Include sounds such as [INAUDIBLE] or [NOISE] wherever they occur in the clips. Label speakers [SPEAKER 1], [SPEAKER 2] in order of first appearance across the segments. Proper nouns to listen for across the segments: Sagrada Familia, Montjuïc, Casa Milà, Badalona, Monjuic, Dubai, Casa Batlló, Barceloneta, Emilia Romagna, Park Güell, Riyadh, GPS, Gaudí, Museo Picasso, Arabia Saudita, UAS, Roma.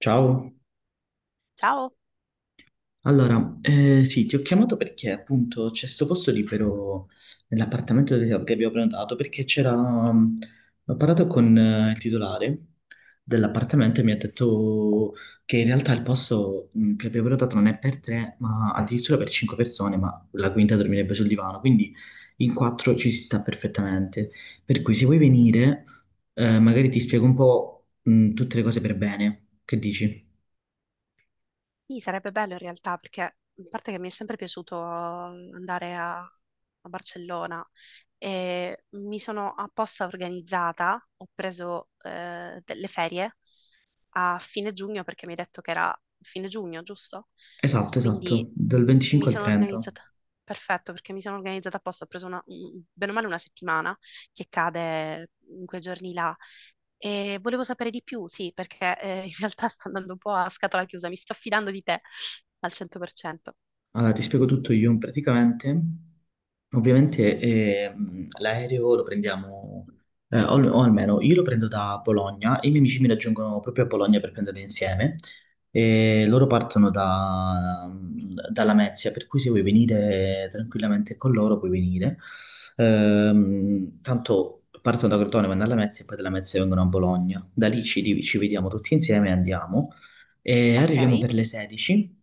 [SPEAKER 1] Ciao,
[SPEAKER 2] Ciao,
[SPEAKER 1] allora, sì, ti ho chiamato perché appunto c'è sto posto libero nell'appartamento che abbiamo prenotato perché c'era, mm, ho parlato con il titolare dell'appartamento e mi ha detto che in realtà il posto che abbiamo prenotato non è per tre, ma addirittura per cinque persone, ma la quinta dormirebbe sul divano, quindi in quattro ci si sta perfettamente. Per cui se vuoi venire, magari ti spiego un po', tutte le cose per bene, che dici?
[SPEAKER 2] sì, sarebbe bello in realtà perché a parte che mi è sempre piaciuto andare a Barcellona e mi sono apposta organizzata, ho preso delle ferie a fine giugno perché mi hai detto che era fine giugno, giusto?
[SPEAKER 1] Esatto,
[SPEAKER 2] Quindi
[SPEAKER 1] esatto, dal
[SPEAKER 2] mi
[SPEAKER 1] 25 al
[SPEAKER 2] sono
[SPEAKER 1] 30.
[SPEAKER 2] organizzata, perfetto, perché mi sono organizzata apposta, ho preso una, bene o male una settimana che cade in quei giorni là. E volevo sapere di più, sì, perché in realtà [LAUGHS] sto andando un po' a scatola chiusa, mi sto affidando di te al 100%.
[SPEAKER 1] Allora, ti spiego tutto io praticamente. Ovviamente l'aereo lo prendiamo, o almeno io lo prendo da Bologna, i miei amici mi raggiungono proprio a Bologna per prenderlo insieme e loro partono da Lamezia, per cui se vuoi venire tranquillamente con loro puoi venire. Tanto partono da Crotone, vanno a Lamezia e poi da Lamezia vengono a Bologna. Da lì ci vediamo tutti insieme e andiamo. E
[SPEAKER 2] Ok,
[SPEAKER 1] arriviamo per le 16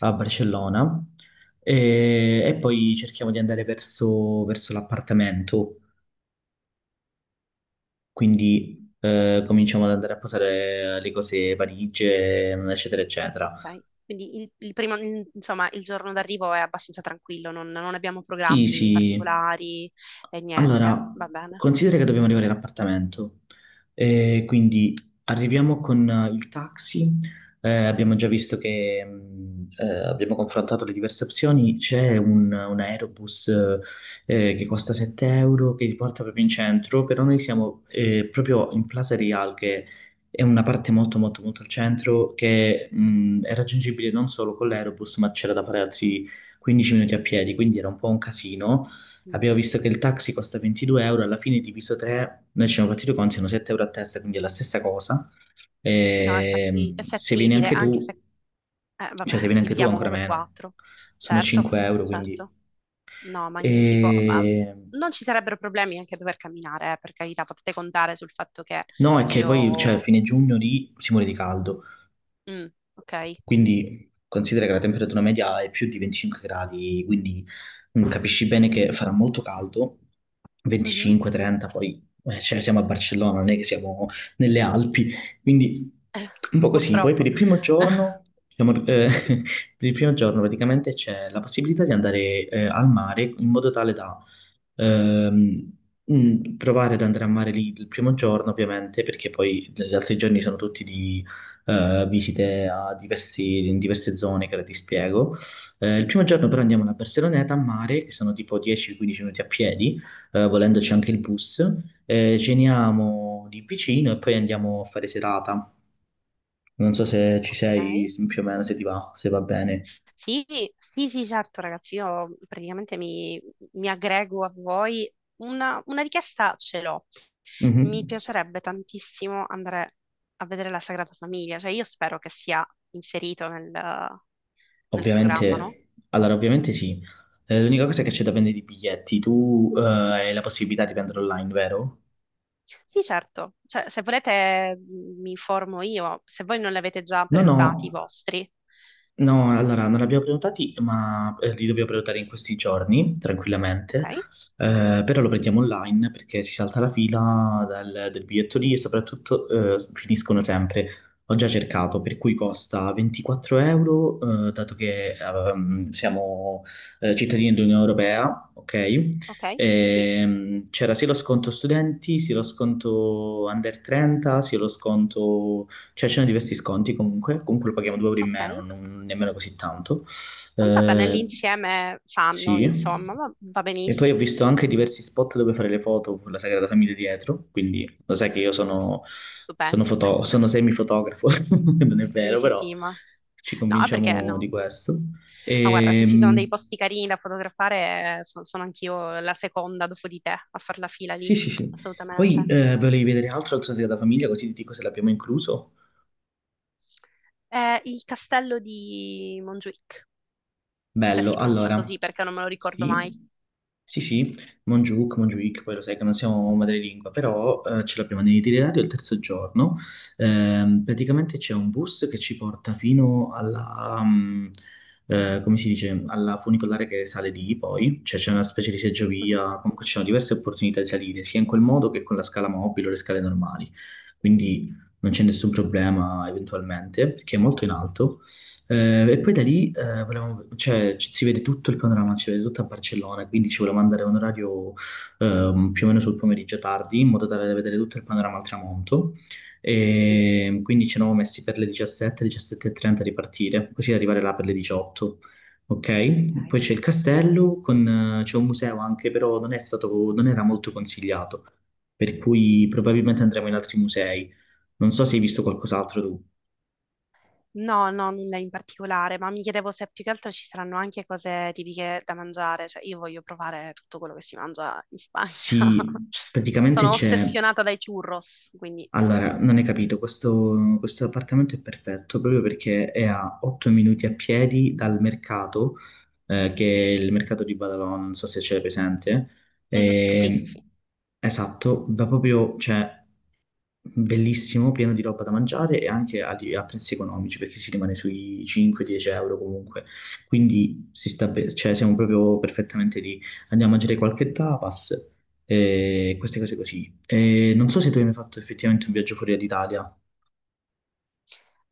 [SPEAKER 1] a Barcellona e poi cerchiamo di andare verso l'appartamento, quindi cominciamo ad andare a posare le cose valigie, eccetera, eccetera.
[SPEAKER 2] ok. Quindi il primo, insomma, il giorno d'arrivo è abbastanza tranquillo, non abbiamo
[SPEAKER 1] Sì,
[SPEAKER 2] programmi
[SPEAKER 1] sì.
[SPEAKER 2] particolari e niente,
[SPEAKER 1] Allora,
[SPEAKER 2] va bene.
[SPEAKER 1] considera che dobbiamo arrivare all'appartamento, quindi arriviamo con il taxi. Abbiamo già visto che abbiamo confrontato le diverse opzioni, c'è un aerobus che costa 7 euro che ti porta proprio in centro, però noi siamo proprio in Plaza Real che è una parte molto molto molto al centro che è raggiungibile non solo con l'aerobus ma c'era da fare altri 15 minuti a piedi, quindi era un po' un casino. Abbiamo
[SPEAKER 2] Mm.
[SPEAKER 1] visto che il taxi costa 22 euro, alla fine diviso 3, noi ci siamo fatti i conti, sono 7 euro a testa, quindi è la stessa cosa.
[SPEAKER 2] Sì, no, è, è
[SPEAKER 1] Se vieni
[SPEAKER 2] fattibile,
[SPEAKER 1] anche
[SPEAKER 2] anche se,
[SPEAKER 1] tu,
[SPEAKER 2] vabbè,
[SPEAKER 1] cioè se
[SPEAKER 2] [LAUGHS]
[SPEAKER 1] vieni anche tu
[SPEAKER 2] dividiamo
[SPEAKER 1] ancora
[SPEAKER 2] uno per
[SPEAKER 1] meno,
[SPEAKER 2] quattro.
[SPEAKER 1] sono
[SPEAKER 2] Certo,
[SPEAKER 1] 5 euro, quindi.
[SPEAKER 2] certo. No, magnifico. Ma
[SPEAKER 1] E...
[SPEAKER 2] non ci sarebbero problemi anche a dover camminare, per carità, potete contare sul fatto che...
[SPEAKER 1] No, è che poi, cioè, a
[SPEAKER 2] Io
[SPEAKER 1] fine giugno lì si muore di caldo.
[SPEAKER 2] Mm, ok.
[SPEAKER 1] Quindi considera che la temperatura media è più di 25 gradi, quindi capisci bene che farà molto caldo,
[SPEAKER 2] Mhm.
[SPEAKER 1] 25-30, poi cioè, siamo a Barcellona, non è che siamo nelle Alpi, quindi un po' così. Poi per
[SPEAKER 2] Purtroppo.
[SPEAKER 1] il primo
[SPEAKER 2] [LAUGHS]
[SPEAKER 1] giorno, diciamo,
[SPEAKER 2] Sì.
[SPEAKER 1] [LAUGHS] per il primo giorno praticamente c'è la possibilità di andare al mare in modo tale da ehm, provare ad andare a mare lì il primo giorno, ovviamente, perché poi gli altri giorni sono tutti di visite a in diverse zone che ora ti spiego. Il primo giorno però andiamo alla Barceloneta a mare, che sono tipo 10-15 minuti a piedi, volendoci anche il bus. Ceniamo lì vicino e poi andiamo a fare serata. Non so se ci
[SPEAKER 2] Ok.
[SPEAKER 1] sei più o meno, se ti va, se va bene.
[SPEAKER 2] Sì, sì, sì, certo, ragazzi, io praticamente mi aggrego a voi. Una richiesta ce l'ho. Mi
[SPEAKER 1] Mhm.
[SPEAKER 2] piacerebbe tantissimo andare a vedere la Sagrada Famiglia, cioè io spero che sia inserito nel programma, no?
[SPEAKER 1] Ovviamente, allora ovviamente sì. L'unica cosa è che c'è da prendere i biglietti. Tu, hai la possibilità di prendere online, vero?
[SPEAKER 2] Sì, certo. Cioè, se volete mi informo io, se voi non li avete già
[SPEAKER 1] No,
[SPEAKER 2] prenotati i
[SPEAKER 1] no.
[SPEAKER 2] vostri.
[SPEAKER 1] No, allora non li abbiamo prenotati, ma li dobbiamo prenotare in questi giorni,
[SPEAKER 2] Ok,
[SPEAKER 1] tranquillamente. Però lo prendiamo online perché si salta la fila del biglietto lì e soprattutto finiscono sempre. Ho già cercato, per cui costa 24 euro, dato che siamo cittadini dell'Unione Europea, ok?
[SPEAKER 2] ok, sì,
[SPEAKER 1] C'era sia lo sconto studenti, sia lo sconto under 30, sia lo sconto, cioè, c'erano diversi sconti comunque, comunque lo paghiamo 2 euro in
[SPEAKER 2] ok.
[SPEAKER 1] meno, non nemmeno così tanto.
[SPEAKER 2] Va bene,
[SPEAKER 1] Eh,
[SPEAKER 2] l'insieme fanno,
[SPEAKER 1] sì.
[SPEAKER 2] insomma, va
[SPEAKER 1] E poi ho
[SPEAKER 2] benissimo.
[SPEAKER 1] visto anche diversi spot dove fare le foto con la Sagrada Famiglia dietro, quindi lo sai che
[SPEAKER 2] S-
[SPEAKER 1] io
[SPEAKER 2] s- Stupendo.
[SPEAKER 1] sono
[SPEAKER 2] [LAUGHS]
[SPEAKER 1] semifotografo, [LAUGHS] non è
[SPEAKER 2] Sì,
[SPEAKER 1] vero,
[SPEAKER 2] sì,
[SPEAKER 1] però
[SPEAKER 2] sì, ma...
[SPEAKER 1] ci
[SPEAKER 2] No, perché
[SPEAKER 1] convinciamo di
[SPEAKER 2] no?
[SPEAKER 1] questo.
[SPEAKER 2] Ma guarda, se ci sono dei
[SPEAKER 1] Ehm,
[SPEAKER 2] posti carini da fotografare, sono anch'io la seconda dopo di te a far la fila
[SPEAKER 1] sì,
[SPEAKER 2] lì,
[SPEAKER 1] sì, sì. Poi
[SPEAKER 2] assolutamente.
[SPEAKER 1] volevi vedere altro, altro Sagrada Famiglia, così ti dico se l'abbiamo incluso.
[SPEAKER 2] È il castello di Montjuic, se
[SPEAKER 1] Bello,
[SPEAKER 2] si pronuncia
[SPEAKER 1] allora,
[SPEAKER 2] così, perché non me lo ricordo mai.
[SPEAKER 1] sì, sì, sì, Monjuk, Monjuic, poi lo sai che non siamo madrelingua, però ce l'abbiamo nell'itinerario il terzo giorno. Praticamente c'è un bus che ci porta fino alla, come si dice, alla funicolare che sale lì poi, cioè c'è una specie di
[SPEAKER 2] Mhm.
[SPEAKER 1] seggiovia, comunque ci sono diverse opportunità di salire, sia in quel modo che con la scala mobile o le scale normali, quindi non c'è nessun problema eventualmente, perché è molto in alto. E poi da lì cioè, si vede tutto il panorama, si vede tutto a Barcellona, quindi ci volevamo andare a un orario più o meno sul pomeriggio tardi, in modo tale da vedere tutto il panorama al tramonto.
[SPEAKER 2] Sì,
[SPEAKER 1] E quindi ci eravamo messi per le 17, 17.30 a ripartire, così da arrivare là per le 18. Ok, poi
[SPEAKER 2] ok.
[SPEAKER 1] c'è il castello, con, c'è un museo anche, però non è stato, non era molto consigliato, per cui probabilmente andremo in altri musei. Non so se hai visto qualcos'altro tu.
[SPEAKER 2] No, no, nulla in particolare, ma mi chiedevo se più che altro ci saranno anche cose tipiche da mangiare, cioè io voglio provare tutto quello che si mangia in Spagna. [LAUGHS]
[SPEAKER 1] Sì, praticamente
[SPEAKER 2] Sono
[SPEAKER 1] c'è.
[SPEAKER 2] ossessionata dai churros, quindi...
[SPEAKER 1] Allora, non hai capito, questo appartamento è perfetto proprio perché è a 8 minuti a piedi dal mercato,
[SPEAKER 2] Mhm.
[SPEAKER 1] che è il mercato di Badalona, non so se c'è presente.
[SPEAKER 2] Mhm. Sì,
[SPEAKER 1] E-
[SPEAKER 2] sì, sì.
[SPEAKER 1] esatto, va proprio, cioè, bellissimo, pieno di roba da mangiare e anche a prezzi economici perché si rimane sui 5-10 euro comunque. Quindi si sta cioè, siamo proprio perfettamente lì. Andiamo a mangiare qualche tapas e queste cose così. E non so se tu hai mai fatto effettivamente un viaggio fuori d'Italia.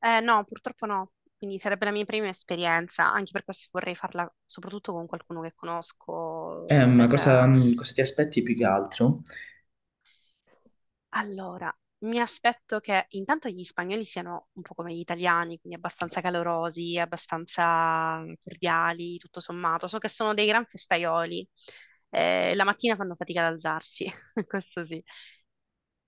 [SPEAKER 2] No, purtroppo no, quindi sarebbe la mia prima esperienza, anche per questo vorrei farla soprattutto con qualcuno che conosco
[SPEAKER 1] Ma
[SPEAKER 2] per,
[SPEAKER 1] cosa ti aspetti più che altro?
[SPEAKER 2] allora, mi aspetto che intanto gli spagnoli siano un po' come gli italiani, quindi abbastanza calorosi, abbastanza cordiali, tutto sommato. So che sono dei gran festaioli. La mattina fanno fatica ad alzarsi, [LAUGHS] questo sì.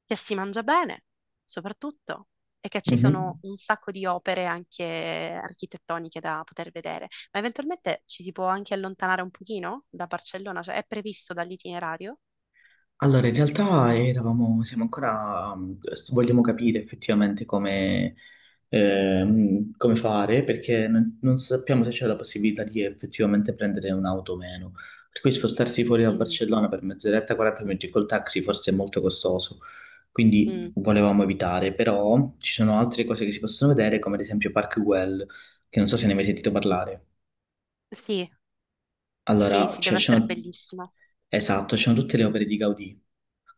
[SPEAKER 2] Che si mangia bene, soprattutto, e che ci sono
[SPEAKER 1] Mhm.
[SPEAKER 2] un sacco di opere anche architettoniche da poter vedere. Ma eventualmente ci si può anche allontanare un pochino da Barcellona, cioè è previsto dall'itinerario?
[SPEAKER 1] Allora, in realtà eravamo, siamo ancora, vogliamo capire effettivamente come, come fare perché non sappiamo se c'è la possibilità di effettivamente prendere un'auto o meno. Per cui spostarsi fuori da
[SPEAKER 2] Mm,
[SPEAKER 1] Barcellona per mezz'oretta, 40 minuti col taxi forse è molto costoso. Quindi
[SPEAKER 2] mm.
[SPEAKER 1] volevamo evitare, però ci sono altre cose che si possono vedere, come ad esempio Park Güell, che non so se ne hai mai sentito parlare.
[SPEAKER 2] Sì. Sì,
[SPEAKER 1] Allora,
[SPEAKER 2] sì,
[SPEAKER 1] cioè,
[SPEAKER 2] deve
[SPEAKER 1] ci
[SPEAKER 2] essere
[SPEAKER 1] sono.
[SPEAKER 2] bellissimo.
[SPEAKER 1] Esatto, ci sono tutte le opere di Gaudì.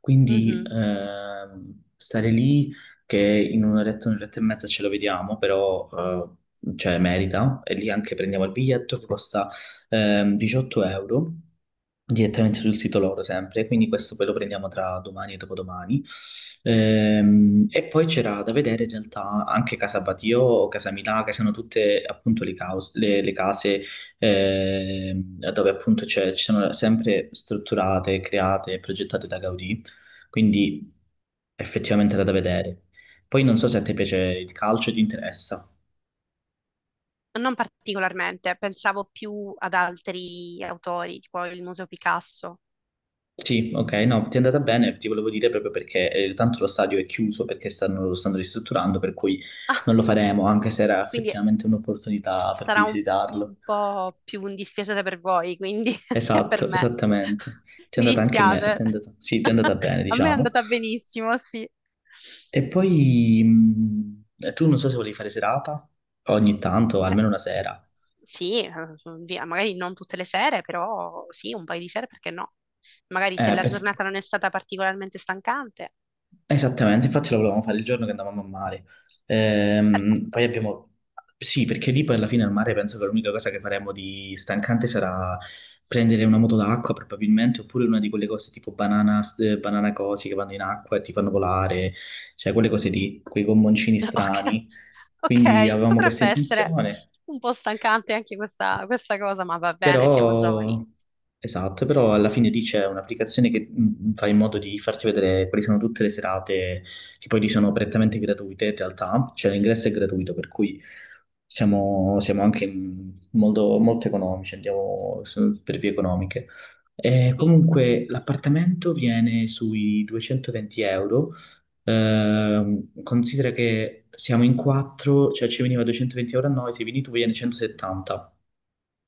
[SPEAKER 1] Quindi
[SPEAKER 2] Mhm.
[SPEAKER 1] stare lì, che in un'oretta, un'oretta e mezza ce lo vediamo, però cioè, merita. E lì anche prendiamo il biglietto che costa 18 euro direttamente sul sito loro sempre, quindi questo poi lo prendiamo tra domani e dopodomani. E poi c'era da vedere in realtà anche Casa Batio, Casa Milà, che sono tutte appunto le case dove appunto ci sono sempre strutturate, create e progettate da Gaudì, quindi effettivamente era da vedere. Poi non so se a te piace il calcio e ti interessa.
[SPEAKER 2] Non particolarmente, pensavo più ad altri autori, tipo il Museo Picasso.
[SPEAKER 1] Sì, ok, no, ti è andata bene, ti volevo dire proprio perché tanto lo stadio è chiuso perché lo stanno ristrutturando, per cui non lo
[SPEAKER 2] [LAUGHS]
[SPEAKER 1] faremo, anche se era
[SPEAKER 2] Quindi
[SPEAKER 1] effettivamente un'opportunità per
[SPEAKER 2] sarà un
[SPEAKER 1] visitarlo.
[SPEAKER 2] po' più un dispiacere per voi, quindi, [LAUGHS] che per
[SPEAKER 1] Esatto,
[SPEAKER 2] me.
[SPEAKER 1] esattamente.
[SPEAKER 2] [LAUGHS]
[SPEAKER 1] Ti è
[SPEAKER 2] Mi
[SPEAKER 1] andata anche me, ti
[SPEAKER 2] dispiace.
[SPEAKER 1] è andata, sì, ti è
[SPEAKER 2] [LAUGHS]
[SPEAKER 1] andata bene,
[SPEAKER 2] A me è
[SPEAKER 1] diciamo.
[SPEAKER 2] andata benissimo, sì.
[SPEAKER 1] E poi tu non so se volevi fare serata, ogni tanto,
[SPEAKER 2] Eh,
[SPEAKER 1] almeno una sera.
[SPEAKER 2] sì, via, magari non tutte le sere, però sì, un paio di sere, perché no? Magari se
[SPEAKER 1] Eh,
[SPEAKER 2] la
[SPEAKER 1] per-
[SPEAKER 2] giornata non è stata particolarmente stancante,
[SPEAKER 1] Esattamente, infatti lo volevamo fare il giorno che andavamo a mare. Poi
[SPEAKER 2] perfetto.
[SPEAKER 1] abbiamo. Sì, perché lì poi alla fine al mare penso che l'unica cosa che faremo di stancante sarà prendere una moto d'acqua probabilmente, oppure una di quelle cose tipo banana, banana cosi che vanno in acqua e ti fanno volare, cioè quelle cose lì, quei gommoncini
[SPEAKER 2] [LAUGHS] Ok.
[SPEAKER 1] strani. Quindi
[SPEAKER 2] Ok,
[SPEAKER 1] avevamo questa
[SPEAKER 2] potrebbe essere
[SPEAKER 1] intenzione.
[SPEAKER 2] un po' stancante anche questa cosa, ma va bene, siamo giovani.
[SPEAKER 1] Però, esatto, però alla fine lì c'è un'applicazione che fa in modo di farti vedere quali sono tutte le serate, che poi lì sono prettamente gratuite in realtà, cioè l'ingresso è gratuito, per cui siamo anche molto, molto economici, andiamo per vie economiche. E
[SPEAKER 2] Sì,
[SPEAKER 1] comunque l'appartamento viene sui 220 euro. Considera che siamo in quattro, cioè ci veniva 220 euro a noi, se vieni tu viene 170.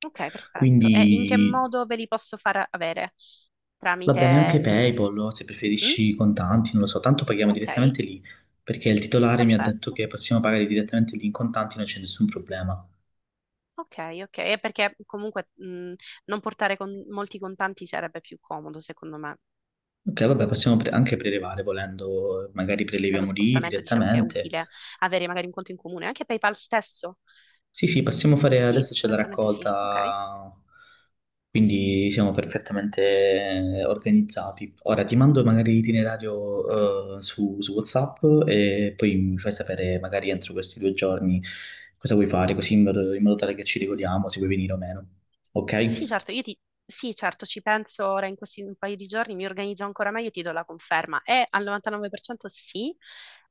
[SPEAKER 2] ok, perfetto. E in che
[SPEAKER 1] Quindi.
[SPEAKER 2] modo ve li posso far avere?
[SPEAKER 1] Va bene anche
[SPEAKER 2] Tramite...
[SPEAKER 1] PayPal, o se
[SPEAKER 2] Mm?
[SPEAKER 1] preferisci contanti, non lo so, tanto paghiamo
[SPEAKER 2] Ok,
[SPEAKER 1] direttamente lì, perché il titolare mi ha detto
[SPEAKER 2] perfetto.
[SPEAKER 1] che possiamo pagare direttamente lì in contanti, non c'è nessun problema.
[SPEAKER 2] Ok, ok, e perché comunque mm, non portare molti contanti sarebbe più comodo, secondo me.
[SPEAKER 1] Ok, vabbè, possiamo anche prelevare volendo, magari
[SPEAKER 2] Nello
[SPEAKER 1] preleviamo lì
[SPEAKER 2] spostamento diciamo che è
[SPEAKER 1] direttamente.
[SPEAKER 2] utile avere magari un conto in comune, anche PayPal stesso.
[SPEAKER 1] Sì, sì, possiamo fare,
[SPEAKER 2] Sì,
[SPEAKER 1] adesso c'è la
[SPEAKER 2] eventualmente sì. Ok.
[SPEAKER 1] raccolta. Quindi siamo perfettamente organizzati. Ora ti mando magari l'itinerario su WhatsApp e poi mi fai sapere magari entro questi due giorni cosa vuoi fare, così in modo tale che ci ricordiamo se vuoi venire o meno.
[SPEAKER 2] Sì,
[SPEAKER 1] Ok?
[SPEAKER 2] certo, io ti... sì, certo, ci penso ora in questi un paio di giorni, mi organizzo ancora meglio e ti do la conferma. È al 99% sì,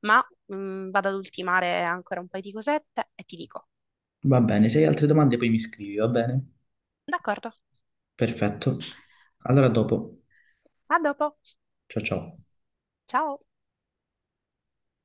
[SPEAKER 2] ma vado ad ultimare ancora un paio di cosette e ti dico.
[SPEAKER 1] Va bene, se hai altre domande poi mi scrivi, va bene?
[SPEAKER 2] D'accordo,
[SPEAKER 1] Perfetto. Allora a dopo.
[SPEAKER 2] a dopo.
[SPEAKER 1] Ciao ciao.
[SPEAKER 2] Ciao.